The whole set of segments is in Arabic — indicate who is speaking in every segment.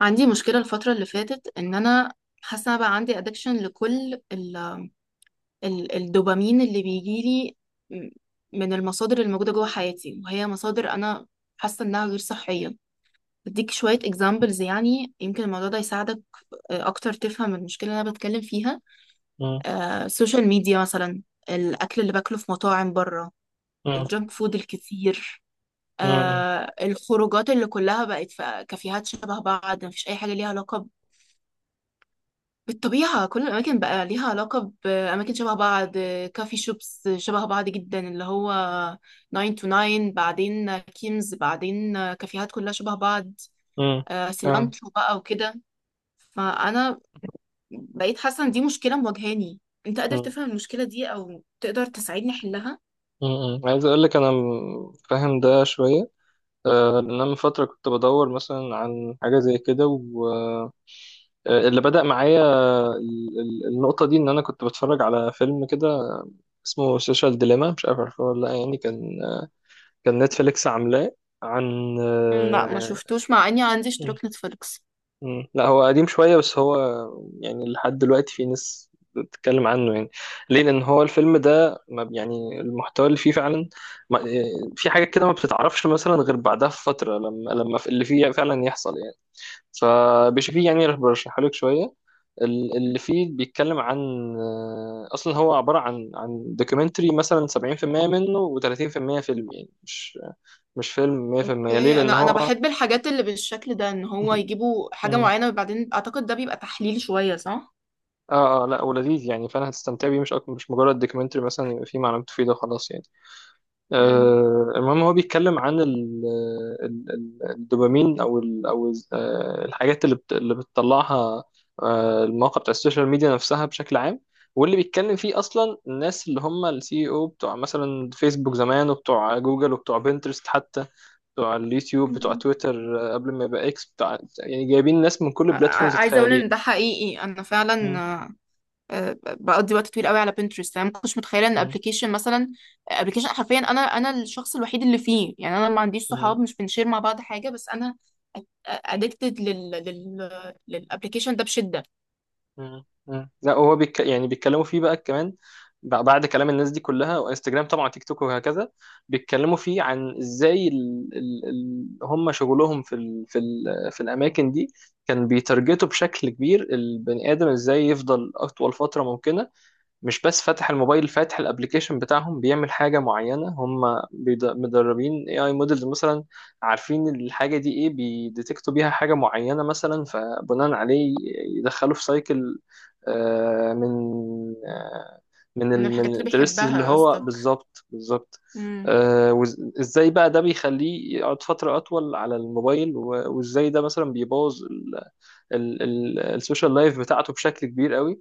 Speaker 1: عندي مشكلة الفترة اللي فاتت ان انا حاسة إن انا بقى عندي ادكشن لكل ال ال الدوبامين اللي بيجيلي م- من المصادر الموجودة جوه حياتي وهي مصادر انا حاسة انها غير صحية. اديك شوية اكزامبلز، يعني يمكن الموضوع ده يساعدك اكتر تفهم المشكلة اللي انا بتكلم فيها.
Speaker 2: مم.
Speaker 1: السوشيال ميديا مثلا، الاكل اللي باكله في مطاعم بره،
Speaker 2: مم.
Speaker 1: الجنك فود الكتير،
Speaker 2: مم.
Speaker 1: الخروجات اللي كلها بقت في كافيهات شبه بعض، مفيش اي حاجه ليها علاقه بالطبيعة. كل الأماكن بقى ليها علاقة بأماكن شبه بعض، كافي شوبس شبه بعض جدا، اللي هو 9 to 9، بعدين كيمز، بعدين كافيهات كلها شبه بعض،
Speaker 2: مم. فاهم.
Speaker 1: سيلانترو بقى وكده. فأنا بقيت حاسة إن دي مشكلة مواجهاني. أنت قادر
Speaker 2: مم.
Speaker 1: تفهم المشكلة دي أو تقدر تساعدني أحلها؟
Speaker 2: مم. عايز اقول لك انا فاهم ده شويه. لان انا من فتره كنت بدور مثلا عن حاجه زي كده، واللي بدا معايا النقطه دي، ان انا كنت بتفرج على فيلم كده اسمه سوشيال ديليما، مش عارف عارفه ولا لا. يعني كان نتفليكس عاملاه عن...
Speaker 1: مم، لا، ما شفتوش مع إني عندي اشتراك نتفليكس.
Speaker 2: مم. لا هو قديم شوية، بس هو يعني لحد دلوقتي في ناس بتتكلم عنه. يعني ليه؟ لأن هو الفيلم ده ما يعني المحتوى اللي فيه فعلا ما إيه، في حاجات كده ما بتتعرفش مثلا غير بعدها في فترة، لما في اللي فيه فعلا يحصل يعني، فبشوفيه، يعني برشحه لك شوية. اللي فيه بيتكلم عن أصلا هو عبارة عن دوكيومنتري، مثلا 70% منه و30% فيلم، يعني مش فيلم 100%. ليه؟
Speaker 1: اوكي،
Speaker 2: لأن
Speaker 1: انا
Speaker 2: هو
Speaker 1: بحب الحاجات اللي بالشكل ده، ان هو يجيبوا حاجه معينه وبعدين اعتقد ده بيبقى تحليل شويه صح.
Speaker 2: اه لا، ولذيذ يعني، فانا هتستمتع بيه مش أكتر، مش مجرد دوكيومنتري مثلا فيه معلومات مفيده وخلاص يعني.
Speaker 1: مم.
Speaker 2: المهم هو بيتكلم عن ال ال ال الدوبامين او ال او ال- آه، الحاجات اللي بتطلعها المواقع بتاع السوشيال ميديا نفسها بشكل عام. واللي بيتكلم فيه اصلا الناس اللي هم السي او بتوع مثلا فيسبوك زمان، وبتوع جوجل، وبتوع بنترست حتى، بتوع اليوتيوب، بتوع
Speaker 1: مم.
Speaker 2: تويتر قبل ما يبقى اكس، بتوع يعني جايبين ناس من كل البلاتفورمز.
Speaker 1: عايزه اقول ان ده حقيقي. انا فعلا
Speaker 2: تتخيليها؟
Speaker 1: بقضي وقت طويل قوي على بنترست. انا ما كنتش متخيله ان ابلكيشن مثلا، ابلكيشن حرفيا انا انا الشخص الوحيد اللي فيه، يعني انا ما عنديش صحاب مش بنشير مع بعض حاجه، بس انا ادكتد لل لل للابلكيشن ده بشده.
Speaker 2: مم. مم. لا هو يعني بيتكلموا فيه بقى كمان، بعد كلام الناس دي كلها، وانستجرام طبعا، تيك توك، وهكذا. بيتكلموا فيه عن ازاي هم شغلهم في الاماكن دي كان بيترجتوا بشكل كبير البني ادم ازاي يفضل اطول فتره ممكنه، مش بس فاتح الموبايل، فاتح الابليكيشن بتاعهم بيعمل حاجة معينة. هم مدربين اي موديلز مثلا، عارفين الحاجة دي ايه، بيديتكتوا بيها حاجة معينة مثلا، فبناء عليه يدخلوا في سايكل من آه، من
Speaker 1: من
Speaker 2: ال من
Speaker 1: الحاجات اللي
Speaker 2: الانترست اللي
Speaker 1: بيحبها
Speaker 2: هو.
Speaker 1: قصدك.
Speaker 2: بالظبط، بالظبط. ازاي بقى ده بيخليه يقعد فترة اطول على الموبايل، وازاي ده مثلا بيبوظ السوشيال لايف بتاعته بشكل كبير قوي.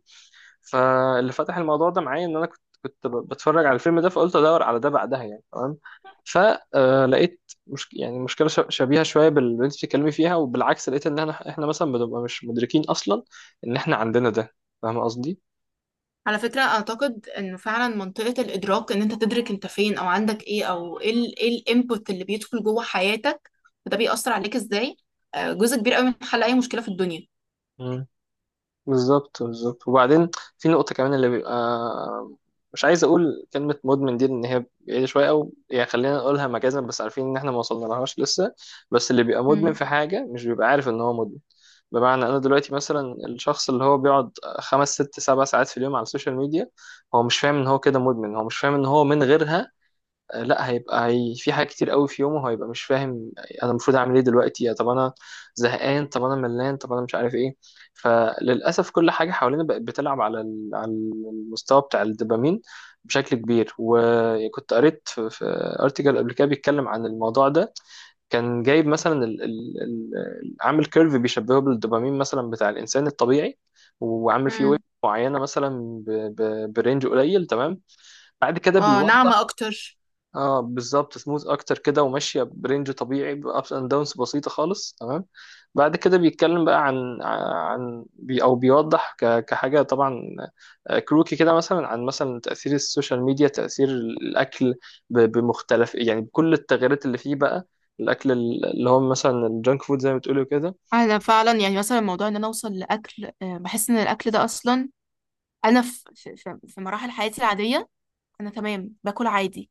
Speaker 2: فاللي فتح الموضوع ده معايا ان انا كنت بتفرج على الفيلم ده، فقلت ادور على ده بعدها يعني. تمام؟ فلقيت مش يعني مشكله شبيهه شويه باللي انت بتتكلمي فيها، وبالعكس لقيت ان احنا مثلا بنبقى مش مدركين اصلا ان احنا عندنا ده. فاهم قصدي؟
Speaker 1: على فكرة أعتقد إنه فعلا منطقة الإدراك، إن أنت تدرك أنت فين أو عندك إيه أو إيه الإنبوت اللي بيدخل جوه حياتك وده بيأثر عليك إزاي، جزء كبير أوي من حل أي مشكلة في الدنيا.
Speaker 2: بالظبط، بالظبط. وبعدين في نقطة كمان، اللي بيبقى مش عايز أقول كلمة مدمن دي لأن هي بعيدة شوية، أو يعني خلينا نقولها مجازا، بس عارفين إن إحنا ما وصلنا لهاش لسه، بس اللي بيبقى مدمن
Speaker 1: مم.
Speaker 2: في حاجة مش بيبقى عارف إن هو مدمن. بمعنى أنا دلوقتي مثلا الشخص اللي هو بيقعد 5 6 7 ساعات في اليوم على السوشيال ميديا، هو مش فاهم إن هو كده مدمن، هو مش فاهم إن هو من غيرها لا، هيبقى هي في حاجات كتير قوي في يومه هيبقى مش فاهم انا المفروض اعمل ايه دلوقتي. طب انا زهقان، طب انا ملان، طب انا مش عارف ايه. فللاسف كل حاجه حوالينا بقت بتلعب على على المستوى بتاع الدوبامين بشكل كبير. وكنت قريت في ارتكل قبل كده بيتكلم عن الموضوع ده، كان جايب مثلا عامل كيرف بيشبهه بالدوبامين مثلا بتاع الانسان الطبيعي، وعامل فيه ويف
Speaker 1: مم.
Speaker 2: معينه مثلا برينج قليل. تمام؟ بعد كده بيوضح.
Speaker 1: ناعمة أكتر.
Speaker 2: اه بالظبط، سموث اكتر كده، وماشيه برينج طبيعي، بابس اند داونز بسيطه خالص. تمام؟ بعد كده بيتكلم بقى عن بي او بيوضح كحاجه طبعا كروكي كده مثلا عن مثلا تاثير السوشيال ميديا، تاثير الاكل، بمختلف يعني بكل التغيرات اللي فيه بقى، الاكل اللي هو مثلا الجانك فود زي ما بتقولوا كده.
Speaker 1: أنا فعلا يعني مثلا موضوع إن أنا أوصل لأكل، بحس إن الأكل ده أصلا، أنا في مراحل حياتي العادية أنا تمام باكل عادي.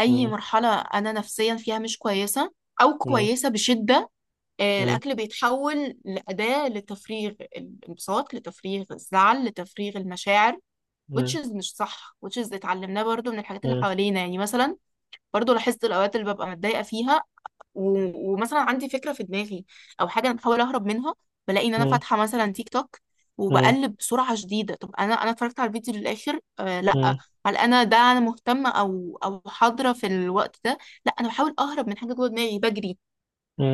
Speaker 1: أي
Speaker 2: مم،
Speaker 1: مرحلة أنا نفسيا فيها مش كويسة أو
Speaker 2: مم،
Speaker 1: كويسة بشدة،
Speaker 2: مم،
Speaker 1: الأكل بيتحول لأداة لتفريغ الانبساط، لتفريغ الزعل، لتفريغ المشاعر. which
Speaker 2: مم،
Speaker 1: is مش صح، which is اتعلمناه برضو من الحاجات اللي
Speaker 2: مم،
Speaker 1: حوالينا، يعني مثلا برضو لاحظت الأوقات اللي ببقى متضايقة فيها و... ومثلا عندي فكرة في دماغي أو حاجة أنا بحاول أهرب منها، بلاقي إن أنا
Speaker 2: مم،
Speaker 1: فاتحة مثلا تيك توك
Speaker 2: مم،
Speaker 1: وبقلب بسرعة شديدة. طب أنا، أنا اتفرجت على الفيديو للآخر؟ لأ.
Speaker 2: مم،
Speaker 1: هل أنا، ده أنا مهتمة أو حاضرة في الوقت ده؟ لأ، أنا بحاول أهرب من حاجة جوه دماغي بجري.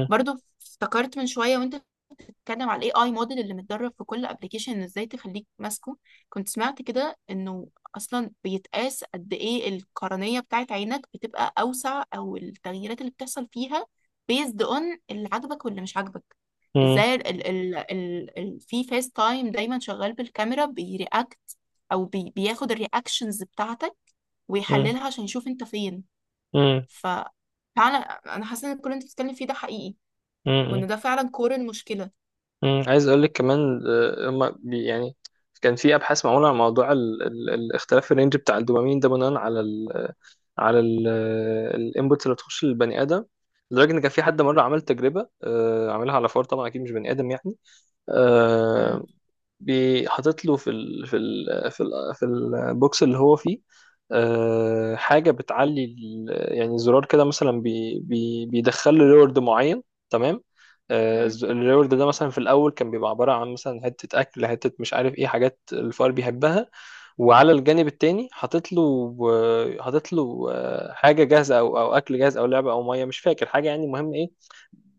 Speaker 1: برضو افتكرت من شوية وانت اتكلم على الاي اي موديل اللي متدرب في كل ابلكيشن، ان ازاي تخليك ماسكه. كنت سمعت كده انه اصلا بيتقاس قد ايه القرنية بتاعت عينك بتبقى اوسع، او التغييرات اللي بتحصل فيها based on اللي عاجبك واللي مش عاجبك.
Speaker 2: مم،
Speaker 1: ازاي ال ال ال ال في فيس تايم دايما شغال بالكاميرا، بيرياكت او بياخد الرياكشنز بتاعتك
Speaker 2: مم،
Speaker 1: ويحللها عشان يشوف انت فين.
Speaker 2: مم،
Speaker 1: ف فعلا انا حاسه ان كل اللي انت بتتكلم فيه ده حقيقي،
Speaker 2: مم،
Speaker 1: وان ده فعلا كور المشكله.
Speaker 2: مم. عايز اقول لك كمان هما يعني كان في ابحاث معموله عن موضوع ال ال الاختلاف الرينج بتاع الدوبامين ده بناء على ال... على الانبوتس اللي بتخش للبني ادم. لدرجه ان كان في حد مره عمل تجربه، عملها على فار طبعا، اكيد مش بني ادم يعني.
Speaker 1: مم.
Speaker 2: آه، بيحاطط له في البوكس اللي هو فيه حاجة بتعلي يعني زرار كده مثلا، بي بي بيدخل له ريورد معين. تمام؟
Speaker 1: مم.
Speaker 2: الريورد ده مثلا في الأول كان بيبقى عبارة عن مثلا حتة أكل، حتة مش عارف إيه، حاجات الفار بيحبها. وعلى الجانب التاني حاطط له حاجة جاهزة، أو أكل جاهز أو لعبة أو مية، مش فاكر حاجة. يعني مهم إيه؟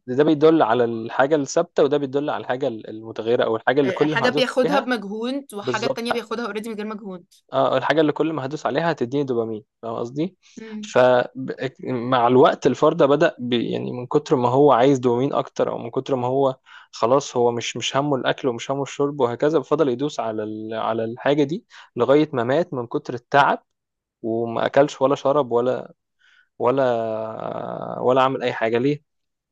Speaker 2: ده ده بيدل على الحاجة الثابتة، وده بيدل على الحاجة المتغيرة، أو الحاجة اللي كل ما
Speaker 1: حاجة
Speaker 2: هدوس
Speaker 1: بياخدها
Speaker 2: عليها.
Speaker 1: بمجهود، وحاجة
Speaker 2: بالظبط.
Speaker 1: التانية بياخدها اوريدي من غير مجهود.
Speaker 2: اه، الحاجه اللي كل ما هدوس عليها هتديني دوبامين. فاهم قصدي؟
Speaker 1: امم.
Speaker 2: فمع الوقت الفرد بدا يعني من كتر ما هو عايز دوبامين اكتر، او من كتر ما هو خلاص هو مش همه الاكل ومش همه الشرب وهكذا، فضل يدوس على على الحاجه دي لغايه ما مات من كتر التعب، وما اكلش ولا شرب ولا عمل اي حاجه. ليه؟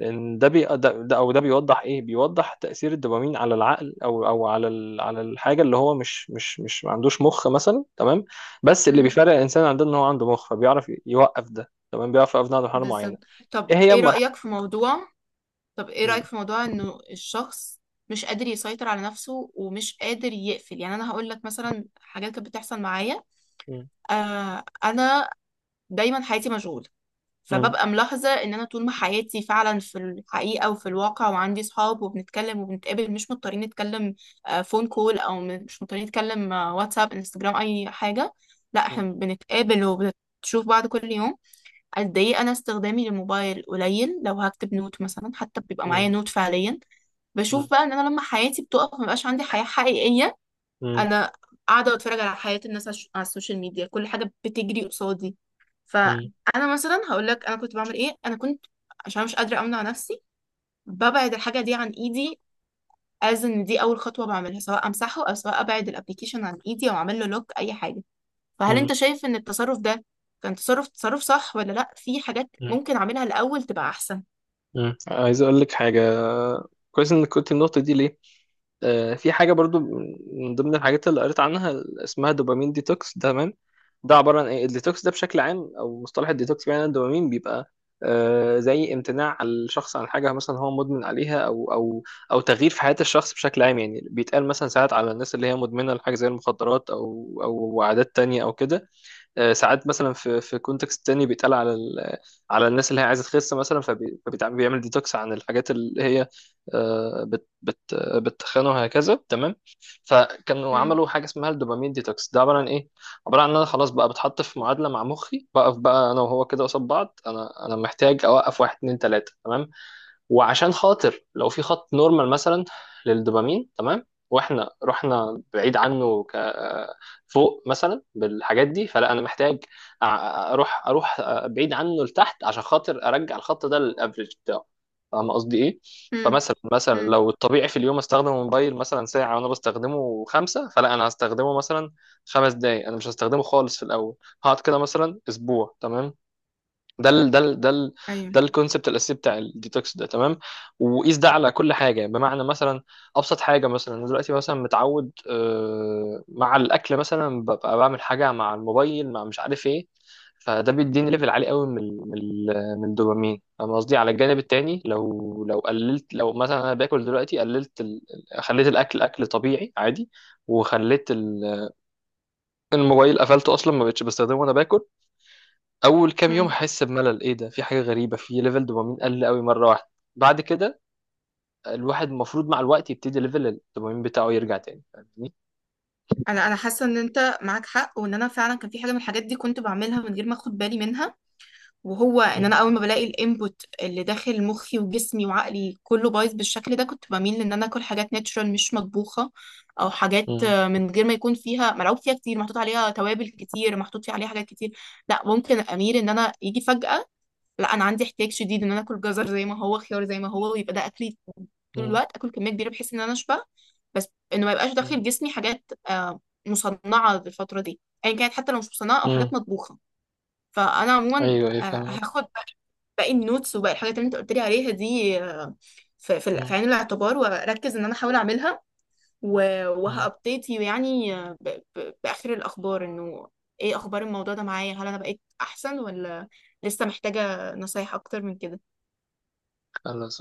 Speaker 2: لان ده بي ده ده- او ده بيوضح ايه، بيوضح تاثير الدوبامين على العقل، او على على الحاجه اللي هو مش مش مش ما عندوش مخ مثلا. تمام؟ بس اللي
Speaker 1: امم.
Speaker 2: بيفرق الانسان عن ده ان هو عنده مخ، فبيعرف يوقف ده. تمام، بيعرف يوقف ده عند مرحله معينه.
Speaker 1: بالظبط.
Speaker 2: ايه
Speaker 1: طب
Speaker 2: هي
Speaker 1: ايه
Speaker 2: المرحله
Speaker 1: رأيك في موضوع طب ايه
Speaker 2: الأولى؟
Speaker 1: رأيك في موضوع انه الشخص مش قادر يسيطر على نفسه ومش قادر يقفل؟ يعني انا هقول لك مثلا حاجات كانت بتحصل معايا.
Speaker 2: م-
Speaker 1: انا دايما حياتي مشغولة،
Speaker 2: م-
Speaker 1: فببقى ملاحظة ان انا طول ما حياتي فعلا في الحقيقة وفي الواقع، وعندي صحاب وبنتكلم وبنتقابل، مش مضطرين نتكلم فون كول او مش مضطرين نتكلم واتساب، انستجرام، اي حاجة. لا، احنا
Speaker 2: م-
Speaker 1: بنتقابل وبنشوف بعض كل يوم. قد ايه انا استخدامي للموبايل قليل، لو هكتب نوت مثلا حتى بيبقى معايا
Speaker 2: م-
Speaker 1: نوت فعليا.
Speaker 2: م-
Speaker 1: بشوف بقى ان انا لما حياتي بتقف، مبقاش عندي حياة حقيقية. انا قاعده بتفرج على حياه الناس على السوشيال ميديا، كل حاجه بتجري قصادي.
Speaker 2: م-
Speaker 1: فانا مثلا هقول لك انا كنت بعمل ايه. انا كنت، عشان أنا مش قادره امنع نفسي، ببعد الحاجه دي عن ايدي. از ان دي اول خطوه بعملها، سواء امسحه او سواء ابعد الابليكيشن عن ايدي او اعمل له لوك، اي حاجه. فهل انت
Speaker 2: م-
Speaker 1: شايف ان التصرف ده كان تصرف صح، ولا لا، في حاجات
Speaker 2: م-
Speaker 1: ممكن اعملها الاول تبقى احسن؟
Speaker 2: مم. عايز اقول لك حاجه، كويس انك قلت النقطه دي. ليه؟ في حاجه برضو من ضمن الحاجات اللي قريت عنها اسمها دوبامين ديتوكس ده. تمام؟ ده عباره عن ايه الديتوكس ده بشكل عام؟ او مصطلح الديتوكس بمعنى الدوبامين بيبقى زي امتناع الشخص عن حاجه مثلا هو مدمن عليها، او تغيير في حياه الشخص بشكل عام. يعني بيتقال مثلا ساعات على الناس اللي هي مدمنه لحاجه زي المخدرات او عادات تانية او كده. ساعات مثلا في كونتكست تاني بيتقال على الناس اللي هي عايزه تخس مثلا، فبيعمل ديتوكس عن الحاجات اللي هي آه، بت بت بتخنه وهكذا. تمام؟ فكانوا
Speaker 1: امم.
Speaker 2: عملوا حاجه اسمها الدوبامين ديتوكس. ده عباره عن ايه؟ عباره عن ان انا خلاص بقى بتحط في معادله مع مخي، بقف بقى انا وهو كده قصاد بعض. انا محتاج اوقف واحد اتنين تلاته. تمام؟ وعشان خاطر لو في خط نورمال مثلا للدوبامين، تمام، واحنا رحنا بعيد عنه فوق مثلا بالحاجات دي، فلا انا محتاج اروح اروح بعيد عنه لتحت عشان خاطر ارجع الخط ده للافريج بتاعه. فاهم قصدي ايه؟
Speaker 1: امم.
Speaker 2: فمثلا
Speaker 1: امم.
Speaker 2: لو الطبيعي في اليوم استخدم الموبايل مثلا ساعه، وانا بستخدمه 5، فلا انا هستخدمه مثلا 5 دقايق، انا مش هستخدمه خالص في الاول، هقعد كده مثلا اسبوع. تمام؟ ده ال ده ال ده ال
Speaker 1: ايوه،
Speaker 2: ده الكونسبت الاساسي بتاع الديتوكس ده. تمام؟ وقيس ده على كل حاجه. بمعنى مثلا، ابسط حاجه، مثلا انا دلوقتي مثلا متعود مع الاكل مثلا ببقى بعمل حاجه مع الموبايل، مع مش عارف ايه، فده بيديني ليفل عالي قوي من من الدوبامين. فاهم قصدي؟ على الجانب التاني، لو قللت، لو مثلا انا باكل دلوقتي قللت. خليت الاكل اكل طبيعي عادي، وخليت الموبايل قفلته اصلا، ما بقتش بستخدمه وانا باكل. اول كام يوم هحس بملل، ايه ده، في حاجه غريبه، في ليفل دوبامين قل قوي مره واحده. بعد كده الواحد المفروض مع الوقت يبتدي ليفل الدوبامين بتاعه يرجع تاني. فاهمني؟
Speaker 1: انا حاسه ان انت معاك حق، وان انا فعلا كان في حاجه من الحاجات دي كنت بعملها من غير ما اخد بالي منها. وهو ان انا اول
Speaker 2: مم.
Speaker 1: ما بلاقي الانبوت اللي داخل مخي وجسمي وعقلي كله بايظ بالشكل ده، كنت بميل ان انا اكل حاجات ناتشورال مش مطبوخه، او حاجات
Speaker 2: مم.
Speaker 1: من غير ما يكون فيها ملعوب، فيها كتير محطوط عليها توابل، كتير محطوط فيها عليها حاجات كتير. لا، ممكن اميل ان انا يجي فجاه، لا انا عندي احتياج شديد ان انا اكل جزر زي ما هو، خيار زي ما هو، ويبقى ده اكلي طول
Speaker 2: مم.
Speaker 1: الوقت. اكل كميه كبيره بحيث ان انا اشبع، بس انه ما يبقاش داخل جسمي حاجات مصنعه الفتره دي. ايا يعني، كانت حتى لو مش مصنعه او حاجات
Speaker 2: مم.
Speaker 1: مطبوخه. فانا
Speaker 2: ايوه،
Speaker 1: عموما
Speaker 2: ايوه، ايه، فاهم.
Speaker 1: هاخد باقي النوتس وباقي الحاجات اللي انت قلت لي عليها دي في في
Speaker 2: مم.
Speaker 1: في عين الاعتبار، واركز ان انا احاول اعملها،
Speaker 2: مم.
Speaker 1: وهابديت يو يعني ب... باخر الاخبار. انه ايه اخبار الموضوع ده معايا، هل انا بقيت احسن ولا لسه محتاجة نصايح اكتر من كده؟
Speaker 2: خلاص.